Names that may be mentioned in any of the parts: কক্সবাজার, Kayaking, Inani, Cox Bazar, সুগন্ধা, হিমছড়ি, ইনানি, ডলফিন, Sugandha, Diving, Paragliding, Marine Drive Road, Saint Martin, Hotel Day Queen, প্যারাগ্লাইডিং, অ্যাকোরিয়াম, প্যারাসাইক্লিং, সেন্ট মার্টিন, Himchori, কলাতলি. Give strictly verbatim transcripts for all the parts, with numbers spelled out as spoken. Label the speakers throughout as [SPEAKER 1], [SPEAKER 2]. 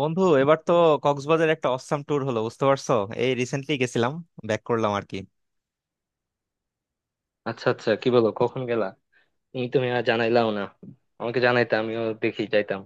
[SPEAKER 1] বন্ধু এবার তো কক্সবাজার একটা অসাম ট্যুর হলো, বুঝতে পারছো। এই রিসেন্টলি গেছিলাম, ব্যাক করলাম আর কি।
[SPEAKER 2] আচ্ছা, আচ্ছা, কি বলো কখন গেলা? তুমি তো মিয়া জানাইলাও না। আমাকে জানাইতে, আমিও দেখি যাইতাম।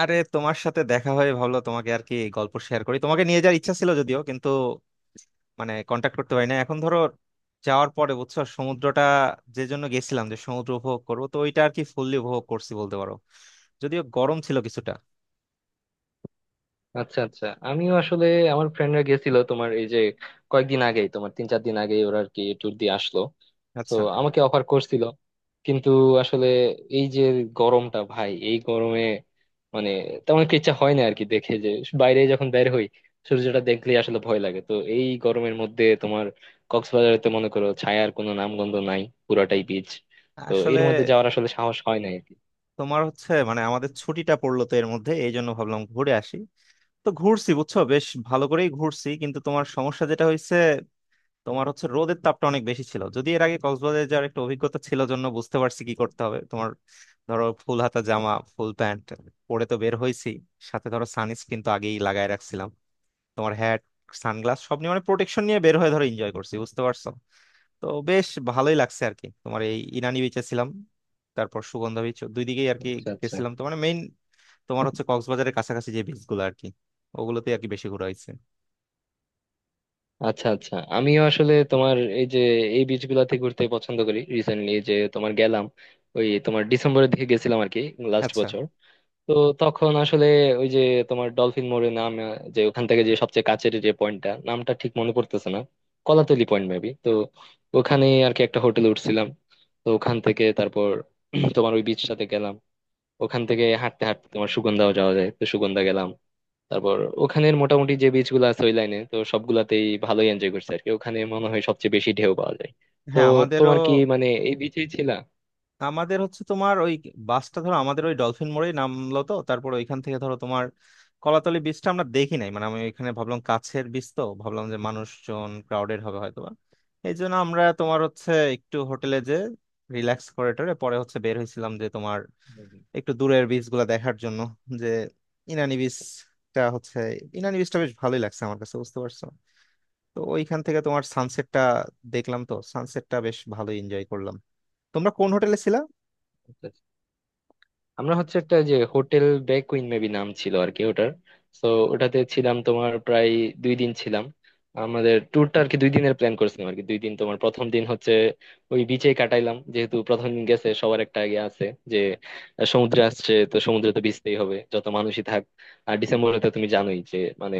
[SPEAKER 1] আরে তোমার সাথে দেখা হয়ে ভালো, তোমাকে আর কি গল্প শেয়ার করি, তোমাকে নিয়ে যাওয়ার ইচ্ছা ছিল যদিও, কিন্তু মানে কন্টাক্ট করতে পারি না এখন। ধরো যাওয়ার পরে বুঝছো সমুদ্রটা, যে জন্য গেছিলাম যে সমুদ্র উপভোগ করবো, তো ওইটা আর কি ফুললি উপভোগ করছি বলতে পারো। যদিও গরম ছিল কিছুটা।
[SPEAKER 2] আচ্ছা, আচ্ছা, আমিও আসলে আমার ফ্রেন্ডরা গেছিল তোমার এই যে কয়েকদিন আগেই, তোমার তিন চার দিন আগেই ওরা আর কি ট্যুর দিয়ে আসলো। তো
[SPEAKER 1] আচ্ছা,
[SPEAKER 2] আমাকে অফার করছিল, কিন্তু আসলে এই যে গরমটা ভাই, এই গরমে মানে তেমন একটা ইচ্ছা হয় না আর কি দেখে যে বাইরে যখন বের হই সূর্যটা দেখলেই আসলে ভয় লাগে। তো এই গরমের মধ্যে তোমার কক্সবাজারে তো মনে করো ছায়ার কোনো নামগন্ধ নাই, পুরাটাই বিচ। তো
[SPEAKER 1] আসলে
[SPEAKER 2] এর মধ্যে যাওয়ার আসলে সাহস হয় না আর কি।
[SPEAKER 1] তোমার হচ্ছে মানে আমাদের ছুটিটা পড়লো, তো এর মধ্যে এই জন্য ভাবলাম ঘুরে আসি। তো ঘুরছি বুঝছো, বেশ ভালো করেই ঘুরছি, কিন্তু তোমার সমস্যা যেটা হয়েছে, তোমার হচ্ছে রোদের তাপটা অনেক বেশি ছিল। যদি
[SPEAKER 2] হুম।
[SPEAKER 1] এর আগে কক্সবাজারে যাওয়ার একটা অভিজ্ঞতা ছিল জন্য বুঝতে পারছি কি করতে হবে তোমার। ধরো ফুল হাতা জামা, ফুল প্যান্ট পরে তো বের হয়েছি, সাথে ধরো সানস্ক্রিন তো আগেই লাগায় রাখছিলাম, তোমার হ্যাট, সানগ্লাস সব নিয়ে মানে প্রোটেকশন নিয়ে বের হয়ে ধরো এনজয় করছি বুঝতে পারছো। তো বেশ ভালোই লাগছে আর কি। তোমার এই ইনানি বিচে ছিলাম, তারপর সুগন্ধা বিচ, দুই দিকেই আর কি
[SPEAKER 2] আচ্ছা, আচ্ছা।
[SPEAKER 1] গেছিলাম। তো মানে তোমার হচ্ছে কক্সবাজারের কাছাকাছি যে বিচ গুলো আর কি, ওগুলোতে আর কি বেশি ঘোরা হয়েছে।
[SPEAKER 2] আচ্ছা, আচ্ছা, আমিও আসলে তোমার এই যে এই বিচ গুলাতে ঘুরতে পছন্দ করি। রিসেন্টলি যে তোমার গেলাম, ওই তোমার ডিসেম্বরের দিকে গেছিলাম আর কি, লাস্ট
[SPEAKER 1] আচ্ছা,
[SPEAKER 2] বছর। তো তখন আসলে ওই যে তোমার ডলফিন মোড়ে নাম আহ, যে ওখান থেকে যে সবচেয়ে কাছের যে পয়েন্টটা, নামটা ঠিক মনে পড়তেছে না, কলাতলি পয়েন্ট মেবি। তো ওখানে আর কি একটা হোটেলে উঠছিলাম। তো ওখান থেকে তারপর তোমার ওই বিচটাতে গেলাম। ওখান থেকে হাঁটতে হাঁটতে তোমার সুগন্ধাও যাওয়া যায়, তো সুগন্ধা গেলাম। তারপর ওখানের মোটামুটি যে বিচ গুলো আছে ওই লাইনে তো সবগুলাতেই ভালোই এনজয় করছে আর কি। ওখানে মনে হয় সবচেয়ে বেশি ঢেউ পাওয়া যায়। তো
[SPEAKER 1] হ্যাঁ আমাদেরও।
[SPEAKER 2] তোমার কি মানে এই বিচেই ছিলা?
[SPEAKER 1] আমাদের হচ্ছে তোমার ওই বাসটা ধরো আমাদের ওই ডলফিন মোড়েই নামলো, তো তারপর ওইখান থেকে ধরো তোমার কলাতলি বিচটা আমরা দেখি নাই। মানে আমি ওইখানে ভাবলাম কাছের বিচ, তো ভাবলাম যে মানুষজন ক্রাউডেড হবে হয়তোবা। এই জন্য আমরা তোমার হচ্ছে একটু হোটেলে যে রিল্যাক্স করে টরে পরে হচ্ছে বের হয়েছিলাম, যে তোমার
[SPEAKER 2] হুম,
[SPEAKER 1] একটু দূরের বিচ গুলা দেখার জন্য, যে ইনানি বিচটা হচ্ছে, ইনানি বিচটা বেশ ভালোই লাগছে আমার কাছে বুঝতে পারছো। তো ওইখান থেকে তোমার সানসেটটা দেখলাম, তো সানসেটটা বেশ ভালো এনজয় করলাম। তোমরা কোন হোটেলে ছিলা?
[SPEAKER 2] হুম। আমরা হচ্ছে একটা যে হোটেল ডে কুইন মেবি নাম ছিল আর কি ওটার। তো ওটাতে ছিলাম তোমার প্রায় দুই দিন ছিলাম। আমাদের ট্যুরটা আর কি দুই দিনের প্ল্যান করছিলাম আর কি। দুই দিন তোমার প্রথম দিন হচ্ছে ওই বিচে কাটাইলাম, যেহেতু প্রথম দিন গেছে সবার একটা আগে আছে যে আহ, সমুদ্রে আসছে তো সমুদ্রে তো ভিজতেই হবে, যত মানুষই থাক। আর ডিসেম্বরে তো তুমি জানোই যে মানে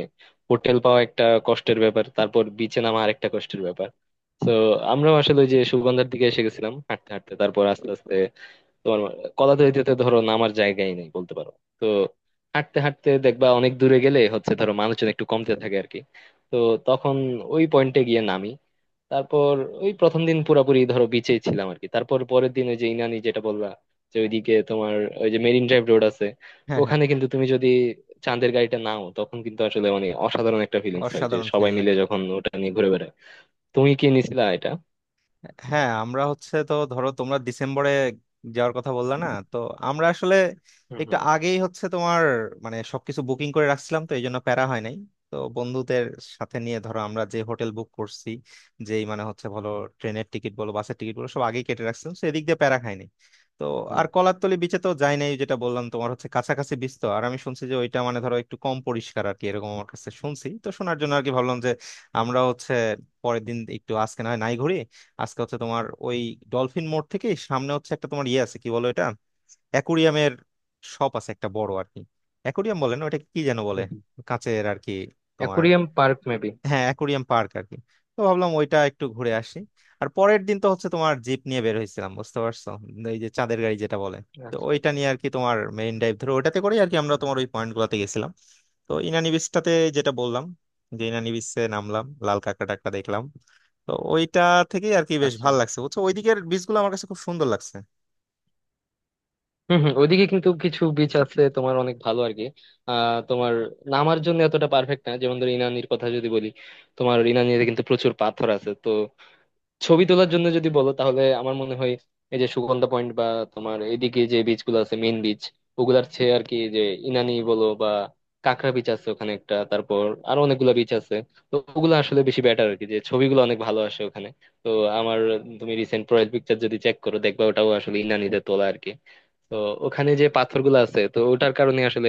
[SPEAKER 2] হোটেল পাওয়া একটা কষ্টের ব্যাপার, তারপর বিচে নামা আর একটা কষ্টের ব্যাপার। তো আমরাও আসলে ওই যে সুগন্ধার দিকে এসে গেছিলাম হাঁটতে হাঁটতে। তোমার কলা তলিতে ধরো নামার জায়গাই নেই বলতে পারো। তো হাঁটতে হাঁটতে দেখবা অনেক দূরে গেলে হচ্ছে ধরো মানুষজন একটু কমতে থাকে আর কি। তো তখন ওই পয়েন্টে গিয়ে নামি। তারপর ওই প্রথম দিন পুরাপুরি ধরো বিচেই ছিলাম আর কি। তারপর পরের দিন ওই যে ইনানি যেটা বললা, যে ওইদিকে তোমার ওই যে মেরিন ড্রাইভ রোড আছে,
[SPEAKER 1] হ্যাঁ, হ্যাঁ
[SPEAKER 2] ওখানে কিন্তু তুমি যদি চাঁদের গাড়িটা নাও তখন কিন্তু আসলে মানে অসাধারণ একটা ফিলিংস হয় যে
[SPEAKER 1] অসাধারণ
[SPEAKER 2] সবাই
[SPEAKER 1] ফেল।
[SPEAKER 2] মিলে যখন ওটা নিয়ে ঘুরে বেড়ায়। তুমি কি নিছিলা এটা?
[SPEAKER 1] হ্যাঁ আমরা হচ্ছে, তো ধরো তোমরা ডিসেম্বরে যাওয়ার কথা বললা না, তো আমরা আসলে
[SPEAKER 2] হুম
[SPEAKER 1] একটু
[SPEAKER 2] হুম।
[SPEAKER 1] আগেই হচ্ছে তোমার মানে সবকিছু বুকিং করে রাখছিলাম, তো এই জন্য প্যারা হয় নাই। তো বন্ধুদের সাথে নিয়ে ধরো আমরা যে হোটেল বুক করছি, যেই মানে হচ্ছে বলো ট্রেনের টিকিট বলো বাসের টিকিট বলো, সব আগেই কেটে রাখছিলাম, তো এদিক দিয়ে প্যারা খাইনি। তো
[SPEAKER 2] হুম
[SPEAKER 1] আর
[SPEAKER 2] হুম।
[SPEAKER 1] কলারতলি বিচে তো যাই নাই, যেটা বললাম তোমার হচ্ছে কাছাকাছি বিচ তো, আর আমি শুনছি যে ওইটা মানে ধরো একটু কম পরিষ্কার আর কি এরকম, আমার কাছে শুনছি, তো শোনার জন্য আর কি ভাবলাম যে আমরা হচ্ছে পরের দিন একটু আজকে না হয় নাই ঘুরি। আজকে হচ্ছে তোমার ওই ডলফিন মোড় থেকে সামনে হচ্ছে একটা তোমার ইয়ে আছে, কি বলো এটা, অ্যাকুরিয়ামের শপ আছে একটা বড় আর কি, অ্যাকুরিয়াম বলে না ওটা, কি যেন বলে,
[SPEAKER 2] হুম হুম।
[SPEAKER 1] কাঁচের আর কি তোমার।
[SPEAKER 2] Aquarium park maybe.
[SPEAKER 1] হ্যাঁ অ্যাকোরিয়াম পার্ক আর কি। তো ভাবলাম ওইটা একটু ঘুরে আসি। আর পরের দিন তো হচ্ছে তোমার জিপ নিয়ে বের হয়েছিলাম বুঝতে পারছো, এই যে চাঁদের গাড়ি যেটা বলে। তো
[SPEAKER 2] আচ্ছা,
[SPEAKER 1] ওইটা
[SPEAKER 2] আচ্ছা।
[SPEAKER 1] নিয়ে আর কি তোমার মেইন ড্রাইভ ধরে ওইটাতে করে আর কি আমরা তোমার ওই পয়েন্ট গুলাতে গেছিলাম। তো ইনানি বিচটাতে, যেটা বললাম যে ইনানি বিচে নামলাম, লাল কাঁকড়া টাকড়া দেখলাম। তো ওইটা থেকেই আর কি বেশ
[SPEAKER 2] আচ্ছা,
[SPEAKER 1] ভালো লাগছে বুঝছো, ওইদিকের বিচ গুলো আমার কাছে খুব সুন্দর লাগছে।
[SPEAKER 2] হম হম, ওইদিকে কিন্তু কিছু বিচ আছে তোমার অনেক ভালো আর কি। আহ তোমার নামার জন্য এতটা পারফেক্ট না, যেমন ধরো ইনানির কথা যদি বলি, তোমার ইনানিতে কিন্তু প্রচুর পাথর আছে। তো ছবি তোলার জন্য যদি বলো তাহলে আমার মনে হয় এই যে সুগন্ধা পয়েন্ট বা তোমার এদিকে যে বিচ গুলো আছে মেইন বিচ, ওগুলার চেয়ে আর কি যে ইনানি বলো বা কাঁকড়া বিচ আছে ওখানে একটা, তারপর আরো অনেকগুলা বিচ আছে, তো ওগুলো আসলে বেশি বেটার আর কি, যে ছবিগুলো অনেক ভালো আসে ওখানে। তো আমার, তুমি রিসেন্ট প্রোফাইল পিকচার যদি চেক করো দেখবা ওটাও আসলে ইনানিতে তোলা আর কি। তো ওখানে যে পাথরগুলা আসে তো ওটার কারণে আসলে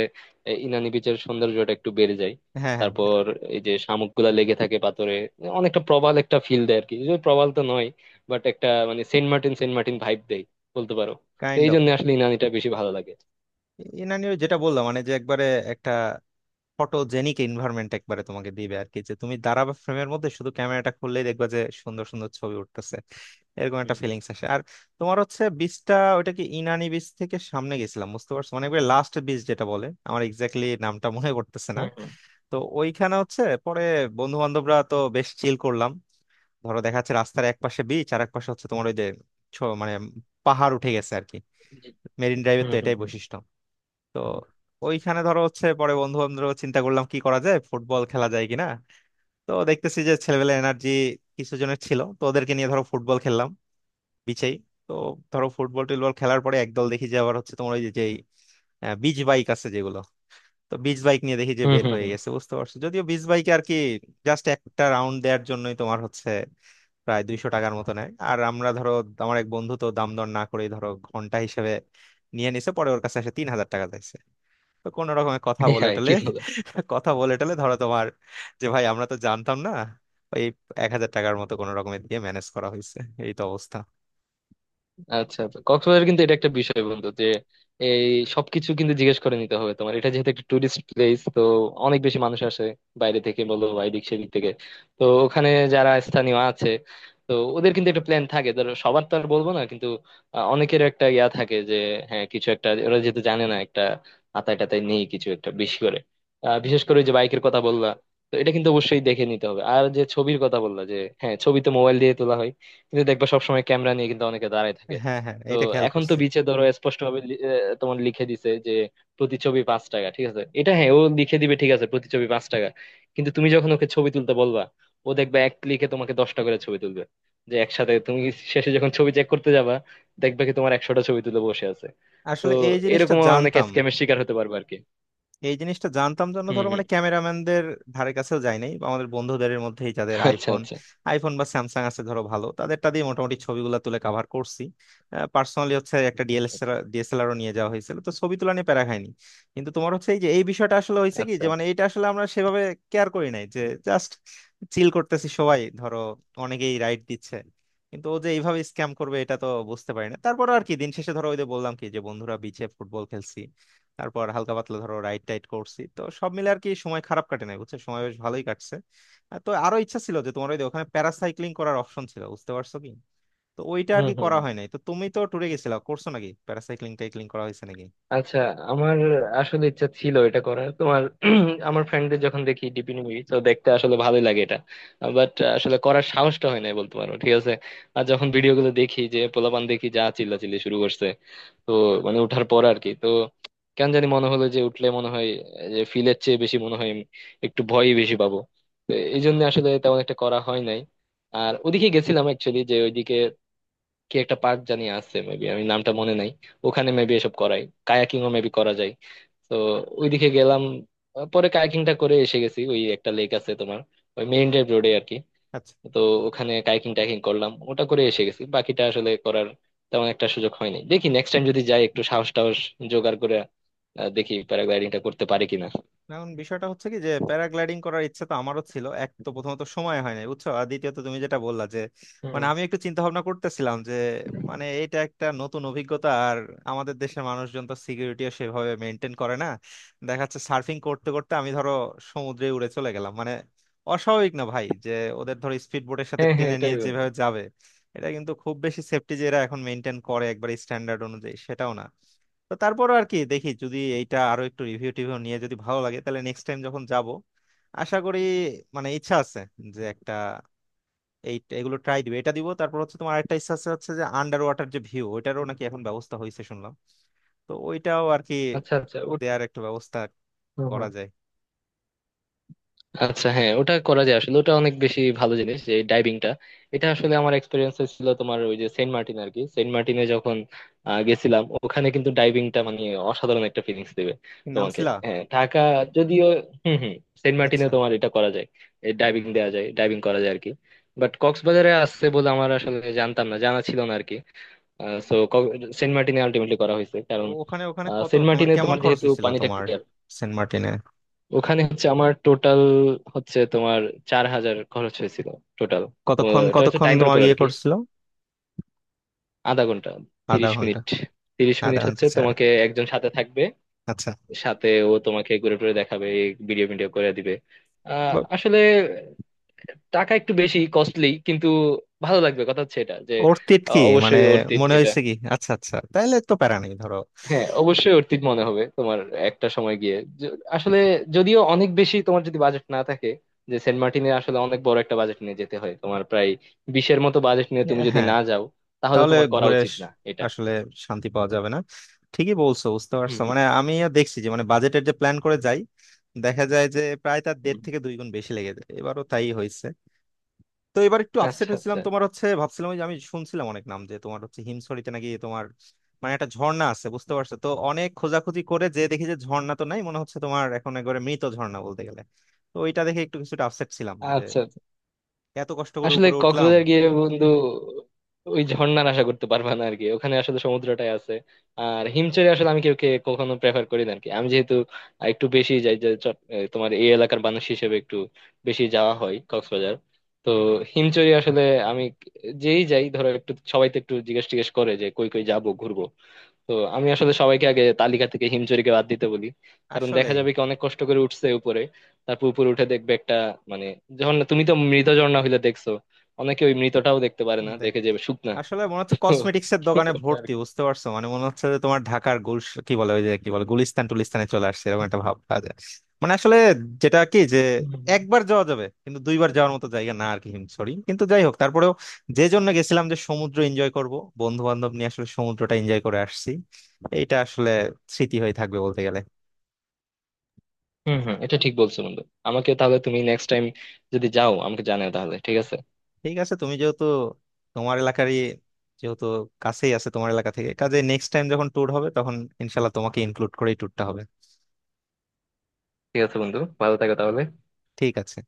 [SPEAKER 2] এই ইনানি পিচারের সন্ধারু যোটেক টু বেরে যায়।
[SPEAKER 1] হ্যাঁ, হ্যাঁ,
[SPEAKER 2] তারপর এই যে শামুকগুলা লেগে থাকে পাতোরে, অনেকটা প্রবাল একটা ফিল দেয় আর কি। যদি প্রবাল তো নই, বাট একটা মানে সেন্ট মার্টিন সেন্ট মার্টিন vibe দেই বলতে পারো। তো
[SPEAKER 1] কাইন্ড অফ।
[SPEAKER 2] এইজন্য
[SPEAKER 1] ইনানি যেটা বললাম মানে, যে একবারে একটা ফটোজেনিক এনভায়রনমেন্ট একবারে তোমাকে দিবে আর কি, যে তুমি দাঁড়াবে ফ্রেমের মধ্যে, শুধু ক্যামেরাটা খুললেই দেখবা যে সুন্দর সুন্দর ছবি উঠতেছে, এরকম একটা ফিলিংস আসে। আর তোমার হচ্ছে বীজটা ওইটা কি ইনানি বীজ থেকে সামনে গেছিলাম বুঝতে পারছো, মানে একবার লাস্ট বীজ যেটা বলে, আমার এক্স্যাক্টলি নামটা মনে পড়তেছে না। তো ওইখানে হচ্ছে পরে বন্ধু বান্ধবরা তো বেশ চিল করলাম। ধরো দেখা যাচ্ছে রাস্তার এক পাশে বিচ আর এক পাশে হচ্ছে তোমার ওই যে ছ- মানে পাহাড় উঠে গেছে আর কি, মেরিন ড্রাইভের তো এটাই বৈশিষ্ট্য। তো ওইখানে ধরো হচ্ছে পরে বন্ধু বান্ধব চিন্তা করলাম কি করা যায়, ফুটবল খেলা যায় কিনা। তো দেখতেছি যে ছেলেবেলা এনার্জি কিছু জনের ছিল, তো ওদেরকে নিয়ে ধরো ফুটবল খেললাম, বিচেই। তো ধরো ফুটবল টুটবল খেলার পরে একদল দেখি যে আবার হচ্ছে তোমার ওই যে যেই আহ, বিচ বাইক আছে যেগুলো। তো বিচ বাইক নিয়ে দেখি যে বের হয়ে গেছে বুঝতে পারছো, যদিও বিচ বাইকে আর কি জাস্ট একটা রাউন্ড দেওয়ার জন্যই তোমার হচ্ছে প্রায় দুইশো টাকার মতো নেয়। আর আমরা ধরো, আমার এক বন্ধু তো দাম দর না করেই ধরো ঘন্টা হিসেবে নিয়ে নিছে, পরে ওর কাছে এসে তিন হাজার টাকা চাইছে। তো কোনো রকমে কথা বলে টলে
[SPEAKER 2] আস
[SPEAKER 1] কথা বলে টলে ধরো তোমার, যে ভাই আমরা তো জানতাম না, ওই এক হাজার টাকার মতো কোনো রকমে দিয়ে ম্যানেজ করা হয়েছে। এই তো অবস্থা।
[SPEAKER 2] আচ্ছা, কক্সবাজার কিন্তু এটা একটা বিষয় বন্ধু যে এই সবকিছু কিন্তু জিজ্ঞেস করে নিতে হবে। তোমার এটা যেহেতু একটা টুরিস্ট প্লেস, তো অনেক বেশি মানুষ আসে বাইরে থেকে বলো বা এদিক সেদিক থেকে। তো ওখানে যারা স্থানীয় আছে, তো ওদের কিন্তু একটা প্ল্যান থাকে ধরো, সবার তো আর বলবো না কিন্তু আহ, অনেকের একটা ইয়া থাকে যে হ্যাঁ কিছু একটা, ওরা যেহেতু জানে না একটা আতায় টাতায় নেই, কিছু একটা বেশি করে আহ, বিশেষ করে ওই যে বাইকের কথা বললা, তো এটা কিন্তু অবশ্যই দেখে নিতে হবে। আর যে ছবির কথা বললা যে হ্যাঁ ছবি তো মোবাইল দিয়ে তোলা হয়, কিন্তু দেখবা সবসময় ক্যামেরা নিয়ে কিন্তু অনেকে দাঁড়ায় থাকে।
[SPEAKER 1] হ্যাঁ, হ্যাঁ,
[SPEAKER 2] তো
[SPEAKER 1] এটা খেয়াল
[SPEAKER 2] এখন তো
[SPEAKER 1] করছি।
[SPEAKER 2] বিচে ধরো স্পষ্ট ভাবে তোমার লিখে দিছে যে প্রতিছবি পাঁচ টাকা, ঠিক আছে এটা, হ্যাঁ ও লিখে দিবে ঠিক আছে প্রতিছবি পাঁচ টাকা, কিন্তু তুমি যখন ওকে ছবি তুলতে বলবা ও দেখবে এক ক্লিকে তোমাকে দশটা করে ছবি তুলবে, যে একসাথে তুমি শেষে যখন ছবি চেক করতে যাবা দেখবে কি তোমার একশোটা ছবি তুলে বসে আছে। তো
[SPEAKER 1] আসলে এই জিনিসটা
[SPEAKER 2] এরকম অনেকে
[SPEAKER 1] জানতাম।
[SPEAKER 2] স্ক্যামের শিকার হতে পারবে আর কি।
[SPEAKER 1] এই জিনিসটা জানতাম জন্য
[SPEAKER 2] হম
[SPEAKER 1] ধরো মানে
[SPEAKER 2] হম।
[SPEAKER 1] ক্যামেরাম্যানদের ধারে কাছেও যাই নাই, বা আমাদের বন্ধুদের মধ্যেই যাদের
[SPEAKER 2] আচ্ছা,
[SPEAKER 1] আইফোন
[SPEAKER 2] আচ্ছা।
[SPEAKER 1] আইফোন বা স্যামসাং আছে ধরো ভালো, তাদেরটা দিয়ে মোটামুটি ছবিগুলো তুলে কাভার করছি। পার্সোনালি হচ্ছে একটা
[SPEAKER 2] আচ্ছা,
[SPEAKER 1] ডিএসএলআর, ডিএসএলআরও নিয়ে যাওয়া হয়েছিল, তো ছবি তোলা নিয়ে প্যারা খাইনি। কিন্তু তোমার হচ্ছে এই যে এই বিষয়টা আসলে হয়েছে কি,
[SPEAKER 2] আচ্ছা।
[SPEAKER 1] যে মানে
[SPEAKER 2] আচ্ছা,
[SPEAKER 1] এটা আসলে আমরা সেভাবে কেয়ার করি নাই, যে জাস্ট চিল করতেছি সবাই ধরো, অনেকেই রাইড দিচ্ছে, কিন্তু ও যে এইভাবে স্ক্যাম করবে এটা তো বুঝতে পারি না। তারপর আর কি দিন শেষে ধরো ওই যে বললাম কি, যে বন্ধুরা বিচে ফুটবল খেলছি, তারপর হালকা পাতলা ধরো রাইড টাইড করছি, তো সব মিলে আর কি সময় খারাপ কাটে নাই বুঝছো, সময় বেশ ভালোই কাটছে। আর তো আরো ইচ্ছা ছিল যে তোমার ওই যে ওখানে প্যারাসাইক্লিং করার অপশন ছিল বুঝতে পারছো কি। তো ওইটা
[SPEAKER 2] হম
[SPEAKER 1] আর কি
[SPEAKER 2] হম।
[SPEAKER 1] করা হয় নাই। তো তুমি তো ট্যুরে গেছিলা, করছো নাকি প্যারাসাইক্লিং টাইক্লিং, করা হয়েছে নাকি?
[SPEAKER 2] আচ্ছা। আমার আসলে ইচ্ছা ছিল এটা করার তোমার আমার ফ্রেন্ডদের যখন দেখি ডিপি মুভি তো দেখতে আসলে ভালোই লাগে এটা। বাট আসলে করার সাহসটা হয় না বলতে পারো, ঠিক আছে। আর যখন ভিডিও গুলো দেখি যে পোলাপান দেখি যা চিল্লাচিল্লি শুরু করছে, তো মানে ওঠার পর আর কি। তো কেন জানি মনে হলো যে উঠলে মনে হয় যে ফিলের চেয়ে বেশি মনে হয় একটু ভয়ই বেশি পাবো। তো এই জন্য আসলে তেমন একটা করা হয় নাই। আর ওদিকে গেছিলাম অ্যাকচুয়ালি যে ওইদিকে কি একটা পার্ক জানি আছে মেবি, আমি নামটা মনে নাই, ওখানে মেবি এসব করাই। কায়াকিং ও মেবি করা যায়। তো ওইদিকে গেলাম। আহ, পরে কায়াকিংটা করে এসে গেছি, ওই একটা লেক আছে তোমার ওই মেইন ড্রাইভ রোডে আর কি।
[SPEAKER 1] আচ্ছা।
[SPEAKER 2] তো ওখানে কায়াকিং টাইকিং করলাম, ওটা করে এসে গেছি। বাকিটা আসলে করার তেমন একটা সুযোগ হয়নি, দেখি নেক্সট টাইম যদি যাই একটু সাহস টাহস জোগাড় করে আহ, দেখি প্যারাগ্লাইডিংটা করতে পারি কিনা।
[SPEAKER 1] এখন বিষয়টা হচ্ছে কি, যে প্যারাগ্লাইডিং করার ইচ্ছা তো আমারও ছিল। এক তো প্রথমত সময় হয় নাই বুঝছো, আর দ্বিতীয়ত তুমি যেটা বললা যে
[SPEAKER 2] হুম।
[SPEAKER 1] মানে আমি একটু চিন্তা ভাবনা করতেছিলাম, যে মানে এটা একটা নতুন অভিজ্ঞতা, আর আমাদের দেশের মানুষজন তো সিকিউরিটিও সেভাবে মেনটেন করে না। দেখা যাচ্ছে সার্ফিং করতে করতে আমি ধরো সমুদ্রে উড়ে চলে গেলাম, মানে অস্বাভাবিক না ভাই, যে ওদের ধরো স্পিড বোটের সাথে
[SPEAKER 2] হ্যাঁ, হ্যাঁ,
[SPEAKER 1] টেনে নিয়ে
[SPEAKER 2] এটাই বলবো।
[SPEAKER 1] যেভাবে যাবে, এটা কিন্তু খুব বেশি সেফটি যে এরা এখন মেনটেন করে একবার স্ট্যান্ডার্ড অনুযায়ী, সেটাও না। তো তারপরও আর কি দেখি যদি এইটা আরো একটু রিভিউ টিভিউ নিয়ে যদি ভালো লাগে, তাহলে নেক্সট টাইম যখন যাব, আশা করি, মানে ইচ্ছা আছে যে একটা, এই এগুলো ট্রাই দিব, এটা দিব। তারপর হচ্ছে তোমার আরেকটা ইচ্ছা আছে হচ্ছে যে আন্ডার ওয়াটার যে ভিউ, ওইটারও নাকি এখন ব্যবস্থা হয়েছে শুনলাম। তো ওইটাও আর কি
[SPEAKER 2] আচ্ছা, আচ্ছা, ওট-
[SPEAKER 1] দেয়ার একটা ব্যবস্থা
[SPEAKER 2] হুম হুম।
[SPEAKER 1] করা যায়।
[SPEAKER 2] আচ্ছা, হ্যাঁ ওটা করা যায়। আসলে ওটা অনেক বেশি ভালো জিনিস, যে ডাইভিংটা এটা আসলে আমার এক্সপিরিয়েন্স ছিল তোমার ওই যে সেন্ট মার্টিন আর কি। সেন্ট মার্টিনে যখন আহ, গেছিলাম ওখানে কিন্তু ডাইভিংটা মানে অসাধারণ একটা ফিলিংস দিবে
[SPEAKER 1] কি
[SPEAKER 2] তোমাকে।
[SPEAKER 1] নামছিলা?
[SPEAKER 2] হ্যাঁ, ঢাকা যদিও। হুম হুম। সেন্ট মার্টিনে
[SPEAKER 1] আচ্ছা,
[SPEAKER 2] তোমার এটা করা যায়, ডাইভিং দেওয়া যায়, ডাইভিং করা যায় আর কি। বাট কক্সবাজারে আসছে বলে আমার আসলে জানতাম না, জানা ছিল না আর কি। সো সেন্ট মার্টিনে আলটিমেটলি করা হয়েছে কারণ
[SPEAKER 1] ওখানে ওখানে
[SPEAKER 2] আহ,
[SPEAKER 1] কত
[SPEAKER 2] সেন্ট
[SPEAKER 1] মানে
[SPEAKER 2] মার্টিনে
[SPEAKER 1] কেমন
[SPEAKER 2] তোমার
[SPEAKER 1] খরচ
[SPEAKER 2] যেহেতু
[SPEAKER 1] হয়েছিল
[SPEAKER 2] পানিটা
[SPEAKER 1] তোমার
[SPEAKER 2] clear,
[SPEAKER 1] সেন্ট মার্টিনে?
[SPEAKER 2] ওখানে হচ্ছে আমার টোটাল হচ্ছে তোমার চার হাজার খরচ হয়েছিল টোটাল।
[SPEAKER 1] কতক্ষণ
[SPEAKER 2] এটা হচ্ছে
[SPEAKER 1] কতক্ষণ
[SPEAKER 2] টাইমের
[SPEAKER 1] তোমার
[SPEAKER 2] উপর আর
[SPEAKER 1] ইয়ে
[SPEAKER 2] কি।
[SPEAKER 1] করছিল?
[SPEAKER 2] আধা ঘন্টা,
[SPEAKER 1] আধা
[SPEAKER 2] তিরিশ
[SPEAKER 1] ঘন্টা?
[SPEAKER 2] মিনিট তিরিশ
[SPEAKER 1] আধা
[SPEAKER 2] মিনিট
[SPEAKER 1] ঘন্টা
[SPEAKER 2] হচ্ছে
[SPEAKER 1] ছাড়া।
[SPEAKER 2] তোমাকে একজন সাথে থাকবে,
[SPEAKER 1] আচ্ছা।
[SPEAKER 2] সাথে ও তোমাকে ঘুরে টুরে দেখাবে, ভিডিও ভিডিও করে দিবে। আহ, আসলে টাকা একটু বেশি কস্টলি কিন্তু ভালো লাগবে, কথা হচ্ছে এটা যে
[SPEAKER 1] ওর তিট কি
[SPEAKER 2] আহ,
[SPEAKER 1] মানে
[SPEAKER 2] অবশ্যই অর্থিত
[SPEAKER 1] মনে
[SPEAKER 2] এটা।
[SPEAKER 1] হয়েছে কি? আচ্ছা, আচ্ছা, তাহলে তো প্যারা নেই ধরো।
[SPEAKER 2] হ্যাঁ, অবশ্যই অর্থিত মনে হবে তোমার একটা সময় গিয়ে। য- আসলে যদিও অনেক বেশি, তোমার যদি বাজেট না থাকে, যে সেন্ট মার্টিনে আসলে অনেক বড় একটা বাজেট নিয়ে যেতে হয়, তোমার প্রায় বিশের মতো বাজেট নিয়ে তুমি যদি
[SPEAKER 1] হ্যাঁ।
[SPEAKER 2] না যাও তাহলে
[SPEAKER 1] তাহলে
[SPEAKER 2] তোমার করা
[SPEAKER 1] ঘুরে
[SPEAKER 2] উচিত
[SPEAKER 1] আস-
[SPEAKER 2] না এটা।
[SPEAKER 1] আসলে শান্তি পাওয়া যাবে না। ঠিকই বলছো, বুঝতে
[SPEAKER 2] হুম
[SPEAKER 1] পারছো।
[SPEAKER 2] হুম।
[SPEAKER 1] মানে আমি দেখছি যে মানে বাজেটের যে প্ল্যান করে যাই, দেখা যায় যে প্রায় তার দেড়
[SPEAKER 2] হুম।
[SPEAKER 1] থেকে দুই গুণ বেশি লেগে যায়। এবারও তাই হয়েছে। তো এবার একটু আপসেট
[SPEAKER 2] আচ্ছা,
[SPEAKER 1] হয়েছিলাম
[SPEAKER 2] আচ্ছা।
[SPEAKER 1] তোমার হচ্ছে, ভাবছিলাম ওই যে আমি শুনছিলাম অনেক নাম যে তোমার হচ্ছে হিমছড়িতে নাকি তোমার মানে একটা ঝর্ণা আছে বুঝতে পারছো। তো অনেক খোঁজাখুঁজি করে যে দেখি যে ঝর্ণা তো নাই মনে হচ্ছে তোমার এখন, একবারে মৃত ঝর্ণা বলতে গেলে। তো ওইটা দেখে একটু কিছুটা আপসেট ছিলাম।
[SPEAKER 2] আচ্ছা, আচ্ছা।
[SPEAKER 1] এত কষ্ট করে
[SPEAKER 2] আসলে
[SPEAKER 1] উপরে উঠলাম।
[SPEAKER 2] কক্সবাজার গিয়ে বন্ধু ওই ঝর্ণার আশা করতে পারবা না আরকি, ওখানে আসলে সমুদ্রটাই আছে। আর হিমচরে আসলে আমি কেউ কে কখনো প্রেফার করি না আরকি। আমি যেহেতু একটু বেশি যাই যে চট- এ, তোমার এই এলাকার মানুষ হিসেবে একটু বেশি যাওয়া হয় কক্সবাজার। তো হিমচরে আসলে আমি যেই যাই ধরো, একটু সবাই তো একটু জিজ্ঞেস টিজ্ঞেস করে যে কই কই যাবো ঘুরবো, তো আমি আসলে সবাইকে আগে তালিকা থেকে হিমচুরিকে বাদ দিতে বলি। কারণ দেখা
[SPEAKER 1] আসলেই।
[SPEAKER 2] যাবে কি অনেক কষ্ট করে উঠছে উপরে, তারপর উপরে উঠে দেখবে একটা মানে, যখন তুমি তো মৃত ঝর্ণা হইলে দেখছো, অনেকে ওই মৃতটাও দেখতে পারে না,
[SPEAKER 1] দেখ,
[SPEAKER 2] দেখে যাবে শুকনা।
[SPEAKER 1] আসলে মনে হচ্ছে
[SPEAKER 2] তো
[SPEAKER 1] কসমেটিক্স এর দোকানে
[SPEAKER 2] ওটা আর
[SPEAKER 1] ভর্তি,
[SPEAKER 2] কি।
[SPEAKER 1] বুঝতে পারছো, মানে মনে হচ্ছে যে তোমার ঢাকার গুল, কি বলে ওই যে, কি বলে গুলিস্তান টুলিস্তানে চলে আসছে, এরকম একটা ভাব পাওয়া যায়। মানে আসলে, যেটা কি যে
[SPEAKER 2] হুম হুম।
[SPEAKER 1] একবার যাওয়া যাবে কিন্তু দুইবার যাওয়ার মতো জায়গা না আর কি। সরি, কিন্তু যাই হোক তারপরেও যে জন্য গেছিলাম যে সমুদ্র এনজয় করব, বন্ধু বান্ধব নিয়ে আসলে সমুদ্রটা এনজয় করে আসছি, এইটা আসলে স্মৃতি হয়ে থাকবে বলতে গেলে।
[SPEAKER 2] হুম, হুম, এটা ঠিক বলছো বন্ধু। আমাকে তাহলে তুমি নেক্সট টাইম যদি যাও আমাকে জানাও, তাহলে ঠিক আছে।
[SPEAKER 1] ঠিক আছে, তুমি যেহেতু তোমার এলাকারই, যেহেতু কাছেই আছে তোমার এলাকা থেকে, কাজে নেক্সট টাইম যখন ট্যুর হবে তখন ইনশাল্লাহ তোমাকে ইনক্লুড করেই ট্যুরটা হবে।
[SPEAKER 2] ঠিক আছে বন্ধু, ভালো থাকো তাহলে।
[SPEAKER 1] ঠিক আছে।